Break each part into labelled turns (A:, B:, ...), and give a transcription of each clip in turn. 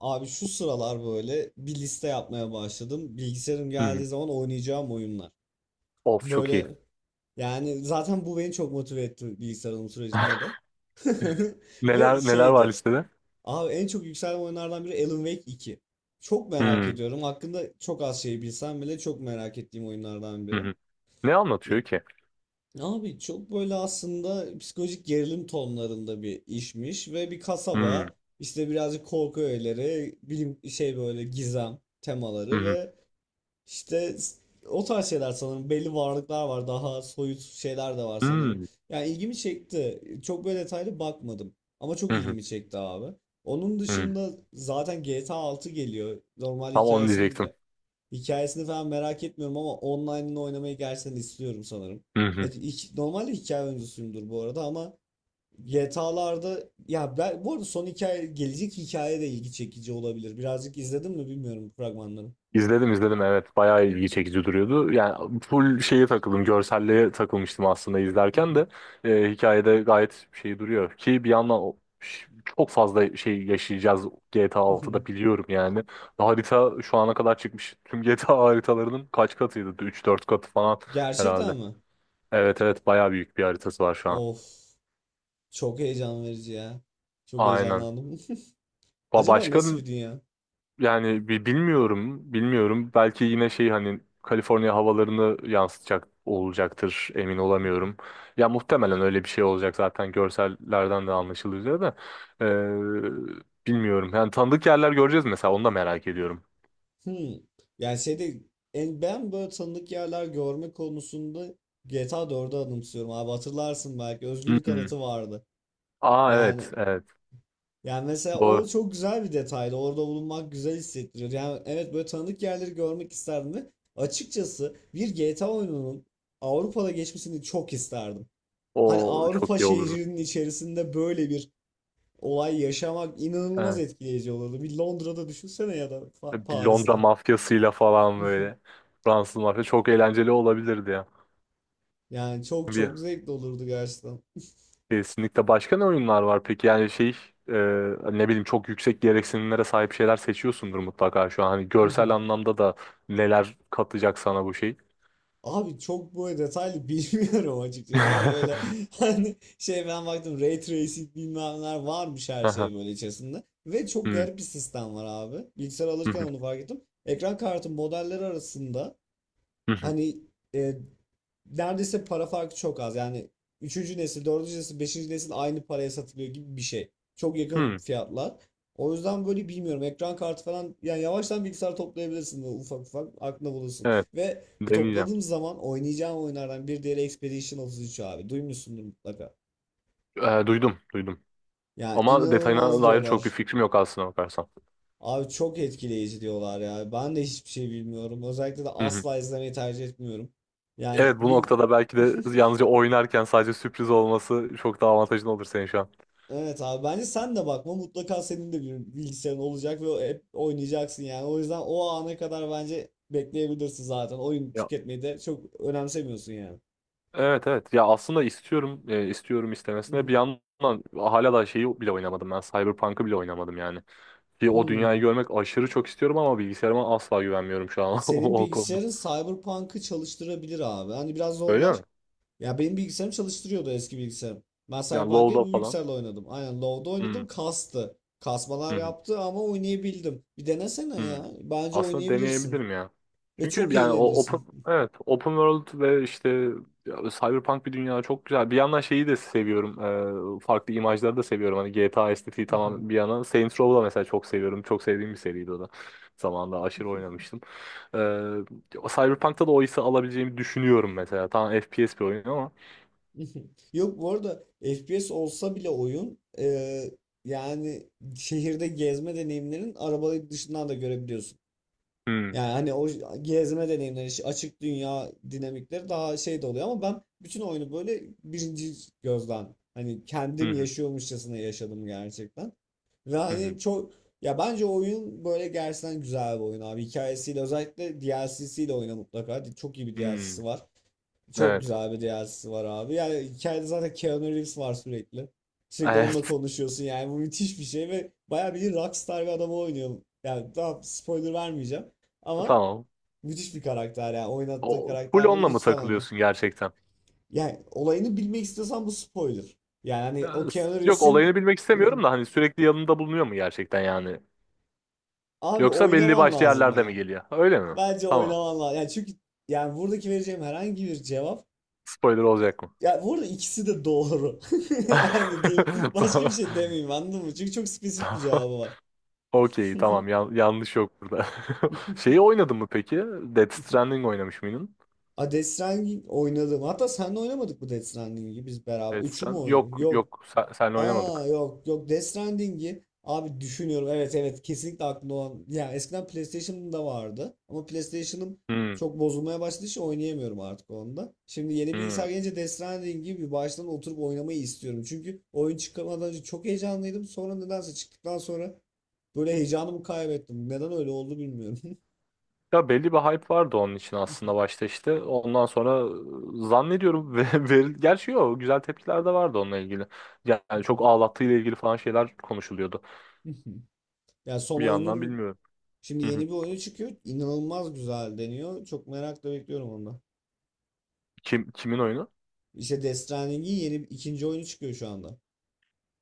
A: Abi şu sıralar böyle bir liste yapmaya başladım. Bilgisayarım
B: Hı. Hı.
A: geldiği zaman oynayacağım oyunlar.
B: Of çok iyi.
A: Böyle yani zaten bu beni çok motive etti bilgisayar alım sürecinde de. Ve
B: Neler neler var
A: şeydi.
B: listede?
A: Abi en çok yükselen oyunlardan biri Alan Wake 2. Çok merak
B: Hı.
A: ediyorum. Hakkında çok az şey bilsem bile çok merak ettiğim oyunlardan
B: Hı
A: biri.
B: hı. Ne anlatıyor ki?
A: Abi çok böyle aslında psikolojik gerilim tonlarında bir işmiş ve bir
B: Hı.
A: kasaba işte birazcık korku öğeleri, bilim böyle gizem
B: Hı
A: temaları
B: hı.
A: ve işte o tarz şeyler sanırım belli varlıklar var daha soyut şeyler de var sanırım.
B: Hı.
A: Yani ilgimi çekti. Çok böyle detaylı bakmadım ama çok
B: Hı hı.
A: ilgimi çekti abi. Onun
B: Hı.
A: dışında zaten GTA 6 geliyor. Normal
B: Tam onu
A: hikayesini
B: diyecektim.
A: Hikayesini falan merak etmiyorum ama online'ını oynamayı gerçekten istiyorum sanırım.
B: Hı hı.
A: Evet, normalde hikaye oyuncusuyumdur bu arada ama GTA'larda ya ben bu arada son hikaye gelecek hikaye de ilgi çekici olabilir. Birazcık izledim mi bilmiyorum bu fragmanları.
B: İzledim, izledim, evet, bayağı ilgi çekici duruyordu. Yani full şeye takıldım, görselliğe takılmıştım aslında izlerken de hikayede gayet şey duruyor. Ki bir yandan çok fazla şey yaşayacağız GTA 6'da, biliyorum yani. Harita şu ana kadar çıkmış tüm GTA haritalarının kaç katıydı? Üç dört katı falan herhalde.
A: Gerçekten mi?
B: Evet, evet, bayağı büyük bir haritası var şu an.
A: Of, çok heyecan verici ya. Çok
B: Aynen.
A: heyecanlandım. Acaba
B: Başka
A: nasıl bir dünya?
B: yani bilmiyorum, bilmiyorum. Belki yine şey, hani Kaliforniya havalarını yansıtacak olacaktır, emin olamıyorum. Ya muhtemelen öyle bir şey olacak zaten, görsellerden de anlaşılıyor üzere de. Bilmiyorum. Yani tanıdık yerler göreceğiz mesela, onu da merak ediyorum.
A: Hmm. Yani şeyde en ben böyle tanıdık yerler görme konusunda GTA 4'ü anımsıyorum abi hatırlarsın belki
B: Hı
A: özgürlük
B: hı.
A: anıtı vardı.
B: Aa,
A: Yani
B: evet, evet.
A: yani mesela o
B: Doğru.
A: çok güzel bir detaydı. Orada bulunmak güzel hissettiriyor. Yani evet böyle tanıdık yerleri görmek isterdim ve açıkçası bir GTA oyununun Avrupa'da geçmesini çok isterdim. Hani
B: O çok
A: Avrupa
B: iyi olurdu.
A: şehrinin içerisinde böyle bir olay yaşamak inanılmaz
B: Evet.
A: etkileyici olurdu. Bir Londra'da düşünsene ya da
B: Bir Londra
A: Paris'te.
B: mafyasıyla falan, böyle. Fransız mafya çok eğlenceli olabilirdi ya.
A: Yani çok
B: Bir
A: çok zevkli olurdu gerçekten.
B: Kesinlikle. Başka ne oyunlar var peki, yani şey, e, ne bileyim, çok yüksek gereksinimlere sahip şeyler seçiyorsundur mutlaka şu an, hani görsel anlamda da neler katacak sana bu şey.
A: Abi çok böyle detaylı bilmiyorum açıkçası ama böyle hani ben baktım ray tracing bilmem neler varmış her
B: Aha.
A: şey böyle içerisinde. Ve çok
B: Hmm,
A: garip bir sistem var abi. Bilgisayar
B: hı
A: alırken
B: hı,
A: onu fark ettim. Ekran kartı modelleri arasında.
B: hı hı,
A: Hani e, neredeyse para farkı çok az. Yani üçüncü nesil, dördüncü nesil, beşinci nesil aynı paraya satılıyor gibi bir şey. Çok yakın
B: hmm.
A: fiyatlar. O yüzden böyle bilmiyorum. Ekran kartı falan yani yavaştan bilgisayar toplayabilirsin böyle ufak ufak aklına bulursun.
B: Evet,
A: Ve bu
B: deneyeceğim.
A: topladığım zaman oynayacağım oyunlardan bir diğeri Expedition 33 abi. Duymuşsundur mutlaka.
B: E, Duydum, duydum
A: Yani
B: ama
A: inanılmaz
B: detayına dair çok bir
A: diyorlar.
B: fikrim yok aslına bakarsan.
A: Abi çok etkileyici diyorlar ya. Ben de hiçbir şey bilmiyorum. Özellikle de
B: Hı hı.
A: asla izlemeyi tercih etmiyorum. Yani
B: Evet, bu
A: bir
B: noktada belki de yalnızca oynarken sadece sürpriz olması çok daha avantajlı olur senin şu an.
A: Evet abi bence sen de bakma mutlaka senin de bir bilgisayarın olacak ve hep oynayacaksın yani. O yüzden o ana kadar bence bekleyebilirsin zaten. Oyun tüketmeyi de çok önemsemiyorsun yani.
B: Evet, evet. Ya, aslında istiyorum, istiyorum istemesine, bir yandan hala da şeyi bile oynamadım ben. Cyberpunk'ı bile oynamadım yani. Ki o dünyayı
A: Hmm.
B: görmek aşırı çok istiyorum ama bilgisayarıma asla güvenmiyorum şu an
A: Senin
B: o konuda.
A: bilgisayarın Cyberpunk'ı çalıştırabilir abi. Hani biraz
B: Öyle
A: zorlar.
B: mi?
A: Ya benim bilgisayarım çalıştırıyordu eski bilgisayarım. Ben
B: Yani
A: Cyberpunk'ı
B: LoL'da
A: bu
B: falan.
A: bilgisayarla oynadım. Aynen Low'da
B: Hmm.
A: oynadım. Kastı.
B: Hı
A: Kasmalar
B: hı.
A: yaptı ama oynayabildim. Bir denesene
B: Hmm.
A: ya. Bence
B: Aslında
A: oynayabilirsin.
B: deneyebilirim ya.
A: Ve
B: Çünkü
A: çok
B: yani o open,
A: eğlenirsin.
B: evet, open world ve işte, ya, cyberpunk bir dünya çok güzel. Bir yandan şeyi de seviyorum, farklı imajları da seviyorum. Hani GTA estetiği tamam, bir yana. Saints Row'u da mesela çok seviyorum. Çok sevdiğim bir seriydi o da. Zamanında aşırı oynamıştım. E, Cyberpunk'ta da o hissi alabileceğimi düşünüyorum mesela. Tamam, FPS bir oyun ama.
A: Yok bu arada FPS olsa bile oyun yani şehirde gezme deneyimlerin arabayı dışından da görebiliyorsun.
B: Hmm.
A: Yani hani o gezme deneyimleri, işte açık dünya dinamikleri daha şey de oluyor ama ben bütün oyunu böyle birinci gözden hani
B: Hı
A: kendim
B: hı.
A: yaşıyormuşçasına yaşadım gerçekten. Ve
B: Hı
A: hani
B: hı.
A: çok ya bence oyun böyle gerçekten güzel bir oyun abi. Hikayesiyle özellikle DLC'siyle oyna mutlaka. Çok iyi bir
B: Hmm.
A: DLC'si var. Çok
B: Evet.
A: güzel bir DLC'si var abi. Yani hikayede zaten Keanu Reeves var sürekli. Sürekli onunla
B: Evet.
A: konuşuyorsun yani bu müthiş bir şey ve bayağı bir Rockstar bir adamı oynuyor. Yani daha spoiler vermeyeceğim. Ama
B: Tamam.
A: müthiş bir karakter yani oynattığı
B: O, full
A: karakterde
B: onunla mı
A: lütfen oyna.
B: takılıyorsun gerçekten?
A: Yani olayını bilmek istiyorsan bu spoiler. Yani hani
B: Ya,
A: o Keanu
B: yok,
A: Reeves'in
B: olayını bilmek istemiyorum da hani sürekli yanında bulunuyor mu gerçekten yani?
A: abi
B: Yoksa belli
A: oynaman
B: başlı
A: lazım
B: yerlerde mi
A: ya.
B: geliyor? Öyle mi?
A: Bence
B: Tamam.
A: oynaman lazım. Yani çünkü yani buradaki vereceğim herhangi bir cevap
B: Spoiler olacak mı?
A: ya burada ikisi de doğru. Yani diyeyim, başka bir
B: Tamam.
A: şey demeyeyim anladın mı? Çünkü çok spesifik bir
B: Tamam.
A: cevabı var.
B: Okey, tamam. Yanlış yok burada. Şeyi oynadın mı peki? Death Stranding oynamış mıydın?
A: A Death Stranding oynadım. Hatta sen de oynamadık bu Death Stranding'i biz beraber. Üçü mü oynadık?
B: Yok,
A: Yok.
B: yok, senle
A: Aa
B: oynamadık.
A: yok yok Death Stranding'i abi düşünüyorum evet evet kesinlikle aklımda olan ya eskiden PlayStation'da vardı ama PlayStation'ım
B: Hmm,
A: çok bozulmaya başladığı için oynayamıyorum artık onda. Şimdi yeni
B: hmm.
A: bilgisayar gelince Death Stranding'i bir baştan oturup oynamayı istiyorum. Çünkü oyun çıkmadan önce çok heyecanlıydım. Sonra nedense çıktıktan sonra böyle heyecanımı kaybettim. Neden öyle oldu bilmiyorum.
B: Ya, belli bir hype vardı onun için aslında başta işte. Ondan sonra zannediyorum ve veril, gerçi yok, güzel tepkiler de vardı onunla ilgili. Yani çok ağlattığıyla ilgili falan şeyler konuşuluyordu.
A: Ya son
B: Bir yandan
A: oyunun
B: bilmiyorum.
A: şimdi
B: Hı
A: yeni
B: hı.
A: bir oyunu çıkıyor. İnanılmaz güzel deniyor. Çok merakla bekliyorum onu.
B: Kim kimin oyunu?
A: İşte Destraning'in yeni ikinci oyunu çıkıyor şu anda.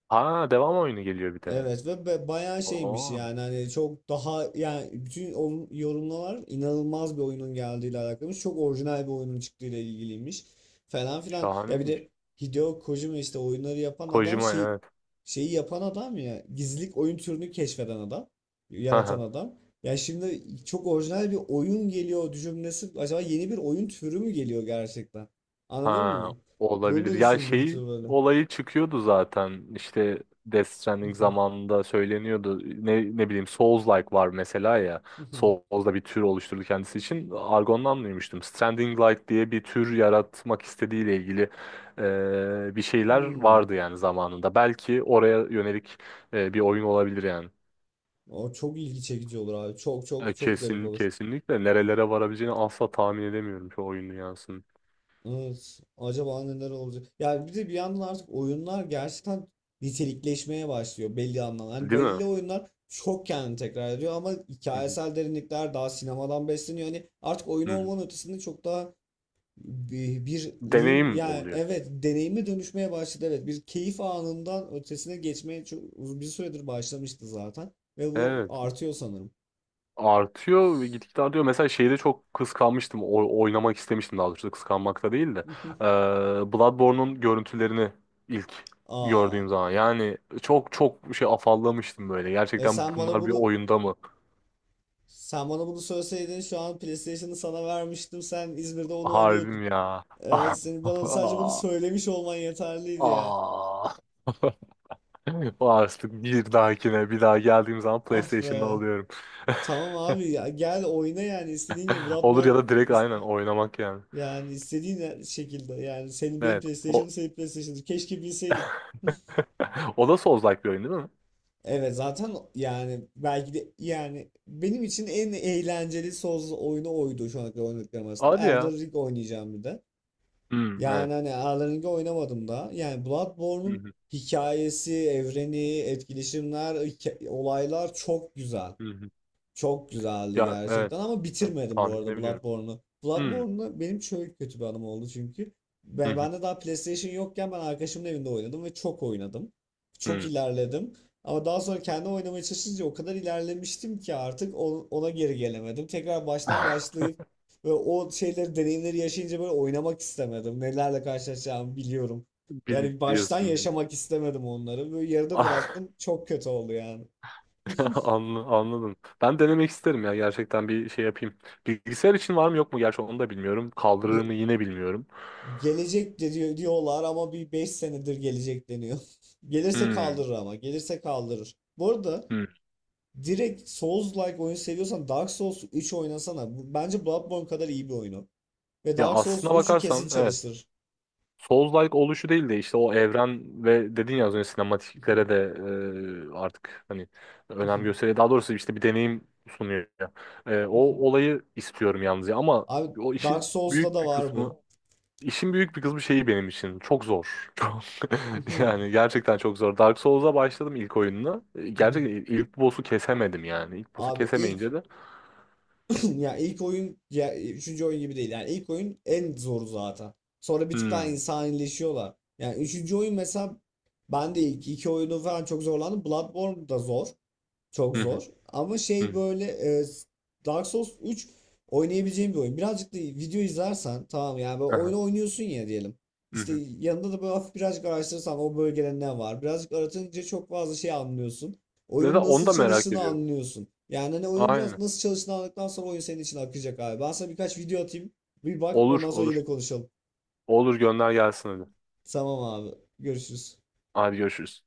B: Ha, devam oyunu geliyor bir de.
A: Evet ve bayağı şeymiş
B: Oo,
A: yani hani çok daha yani bütün yorumlar inanılmaz bir oyunun geldiğiyle alakalıymış. Çok orijinal bir oyunun çıktığıyla ilgiliymiş falan filan. Ya bir de
B: şahaneymiş.
A: Hideo Kojima işte oyunları yapan adam
B: Kojima, evet.
A: şeyi yapan adam ya gizlilik oyun türünü keşfeden adam, yaratan adam. Ya şimdi çok orijinal bir oyun geliyor cümlesi acaba yeni bir oyun türü mü geliyor gerçekten? Anladın
B: Ha,
A: mı? Bunu
B: olabilir.
A: da
B: Ya, şey
A: düşündürtüyor böyle.
B: olayı çıkıyordu zaten. İşte Death
A: Hı
B: Stranding
A: hı,
B: zamanında söyleniyordu. Ne bileyim, Souls-like var mesela ya.
A: hı hı.
B: Souls'da bir tür oluşturdu kendisi için. Argon'dan duymuştum. Stranding-like diye bir tür yaratmak istediğiyle ilgili bir şeyler
A: Hmm.
B: vardı yani zamanında. Belki oraya yönelik bir oyun olabilir yani.
A: O çok ilgi çekici olur abi. Çok çok çok garip
B: Kesin,
A: olur.
B: kesinlikle nerelere varabileceğini asla tahmin edemiyorum şu oyun dünyasının.
A: Evet. Acaba neler olacak? Yani bir de bir yandan artık oyunlar gerçekten nitelikleşmeye başlıyor belli anlamda. Hani
B: Değil mi?
A: belli oyunlar çok kendini tekrar ediyor ama
B: Hı hı.
A: hikayesel derinlikler daha sinemadan besleniyor. Hani artık oyun
B: Hı hı.
A: olmanın ötesinde çok daha bir ürün
B: Deneyim
A: yani
B: oluyor.
A: evet deneyimi dönüşmeye başladı evet bir keyif anından ötesine geçmeye çok bir süredir başlamıştı zaten ve bu
B: Evet.
A: artıyor sanırım.
B: Artıyor ve gitgide artıyor. Mesela şeyde çok kıskanmıştım. O, oynamak istemiştim daha doğrusu. Kıskanmakta değil de. Bloodborne'un görüntülerini ilk
A: Aa.
B: gördüğüm zaman. Yani çok çok şey afallamıştım böyle.
A: E
B: Gerçekten
A: sen bana
B: bunlar bir
A: bunu
B: oyunda mı?
A: sen bana bunu söyleseydin şu an PlayStation'ı sana vermiştim. Sen İzmir'de onu
B: Harbim
A: oynuyordun.
B: ya. Ah.
A: Evet senin bana sadece bunu
B: Ah.
A: söylemiş olman yeterliydi ya.
B: Ah. Artık bir dahakine, bir daha geldiğim zaman
A: Ah
B: PlayStation'da
A: be.
B: alıyorum.
A: Tamam abi ya gel oyna yani istediğin gibi
B: Olur, ya
A: Bloodborne
B: da direkt aynen oynamak yani.
A: yani istediğin şekilde yani senin benim
B: Evet. O,
A: PlayStation'ım senin PlayStation'ın keşke bilseydim.
B: o da Souls-like bir oyun değil mi?
A: Evet zaten yani belki de yani benim için en eğlenceli Souls oyunu oydu şu ana kadar oynadıklarım arasında.
B: Hadi
A: Elden
B: ya.
A: Ring oynayacağım bir de.
B: Hmm,
A: Yani
B: evet.
A: hani aralarında oynamadım da. Yani
B: Hı
A: Bloodborne'un
B: hı,
A: hikayesi, evreni, etkileşimler, olaylar çok güzel.
B: hı hı.
A: Çok güzeldi
B: Ya, evet.
A: gerçekten ama
B: Evet,
A: bitirmedim bu
B: tahmin
A: arada
B: edebiliyorum.
A: Bloodborne'u.
B: Hmm,
A: Bloodborne'da benim şöyle kötü bir anım oldu çünkü.
B: hı
A: Ben,
B: hı,
A: ben de daha PlayStation yokken ben arkadaşımın evinde oynadım ve çok oynadım. Çok
B: hı.
A: ilerledim. Ama daha sonra kendi oynamaya çalışınca o kadar ilerlemiştim ki artık ona geri gelemedim. Tekrar baştan başlayıp ve o şeyleri, deneyimleri yaşayınca böyle oynamak istemedim. Nelerle karşılaşacağımı biliyorum. Yani baştan
B: Biliyorsun yani.
A: yaşamak istemedim onları. Böyle yarıda
B: Ah,
A: bıraktım. Çok kötü oldu yani.
B: Anladım. Ben denemek isterim ya, gerçekten bir şey yapayım. Bilgisayar için var mı yok mu? Gerçi onu da bilmiyorum. Kaldırır mı yine bilmiyorum.
A: Gelecek de diyorlar ama bir 5 senedir gelecek deniyor. Gelirse
B: Hmm,
A: kaldırır ama. Gelirse kaldırır. Bu arada
B: hmm.
A: direkt Souls-like oyun seviyorsan Dark Souls 3 oynasana. Bence Bloodborne kadar iyi bir oyunu. Ve
B: Ya,
A: Dark Souls
B: aslına
A: 3'ü kesin
B: bakarsan evet.
A: çalıştır.
B: Souls-like oluşu değil de işte o evren ve dedin ya az önce, sinematiklere de artık hani önem gösteriyor. Daha doğrusu işte bir deneyim sunuyor ya. O olayı istiyorum yalnız ya, ama
A: Abi
B: o
A: Dark
B: işin
A: Souls'ta
B: büyük
A: da
B: bir
A: var bu.
B: kısmı, işin büyük bir kısmı şeyi benim için çok zor. Çok, yani gerçekten çok zor. Dark Souls'a başladım, ilk oyununa. Gerçekten ilk boss'u kesemedim yani. İlk boss'u
A: Abi
B: kesemeyince
A: ilk
B: de
A: ya ilk oyun ya üçüncü oyun gibi değil. Yani ilk oyun en zoru zaten. Sonra bir tık daha
B: hmm,
A: insanileşiyorlar. Yani üçüncü oyun mesela ben de ilk iki oyunu falan çok zorlandım. Bloodborne da zor. Çok
B: hı
A: zor.
B: hı,
A: Ama
B: hı,
A: böyle e, Dark Souls 3 oynayabileceğim bir oyun. Birazcık da video izlersen tamam yani böyle
B: aha,
A: oyunu oynuyorsun ya diyelim.
B: hı
A: İşte
B: hı.
A: yanında da böyle hafif birazcık araştırırsan o bölgede ne var. Birazcık aratınca çok fazla şey anlıyorsun.
B: Mesela
A: Oyunun
B: onu
A: nasıl
B: da merak
A: çalıştığını
B: ediyorum.
A: anlıyorsun. Yani hani oyun biraz
B: Aynen.
A: nasıl çalıştığını anladıktan sonra oyun senin için akacak abi. Ben sana birkaç video atayım. Bir bak
B: Olur,
A: ondan sonra
B: olur.
A: yine konuşalım.
B: Olur, gönder gelsin hadi.
A: Tamam abi. Görüşürüz.
B: Hadi, görüşürüz.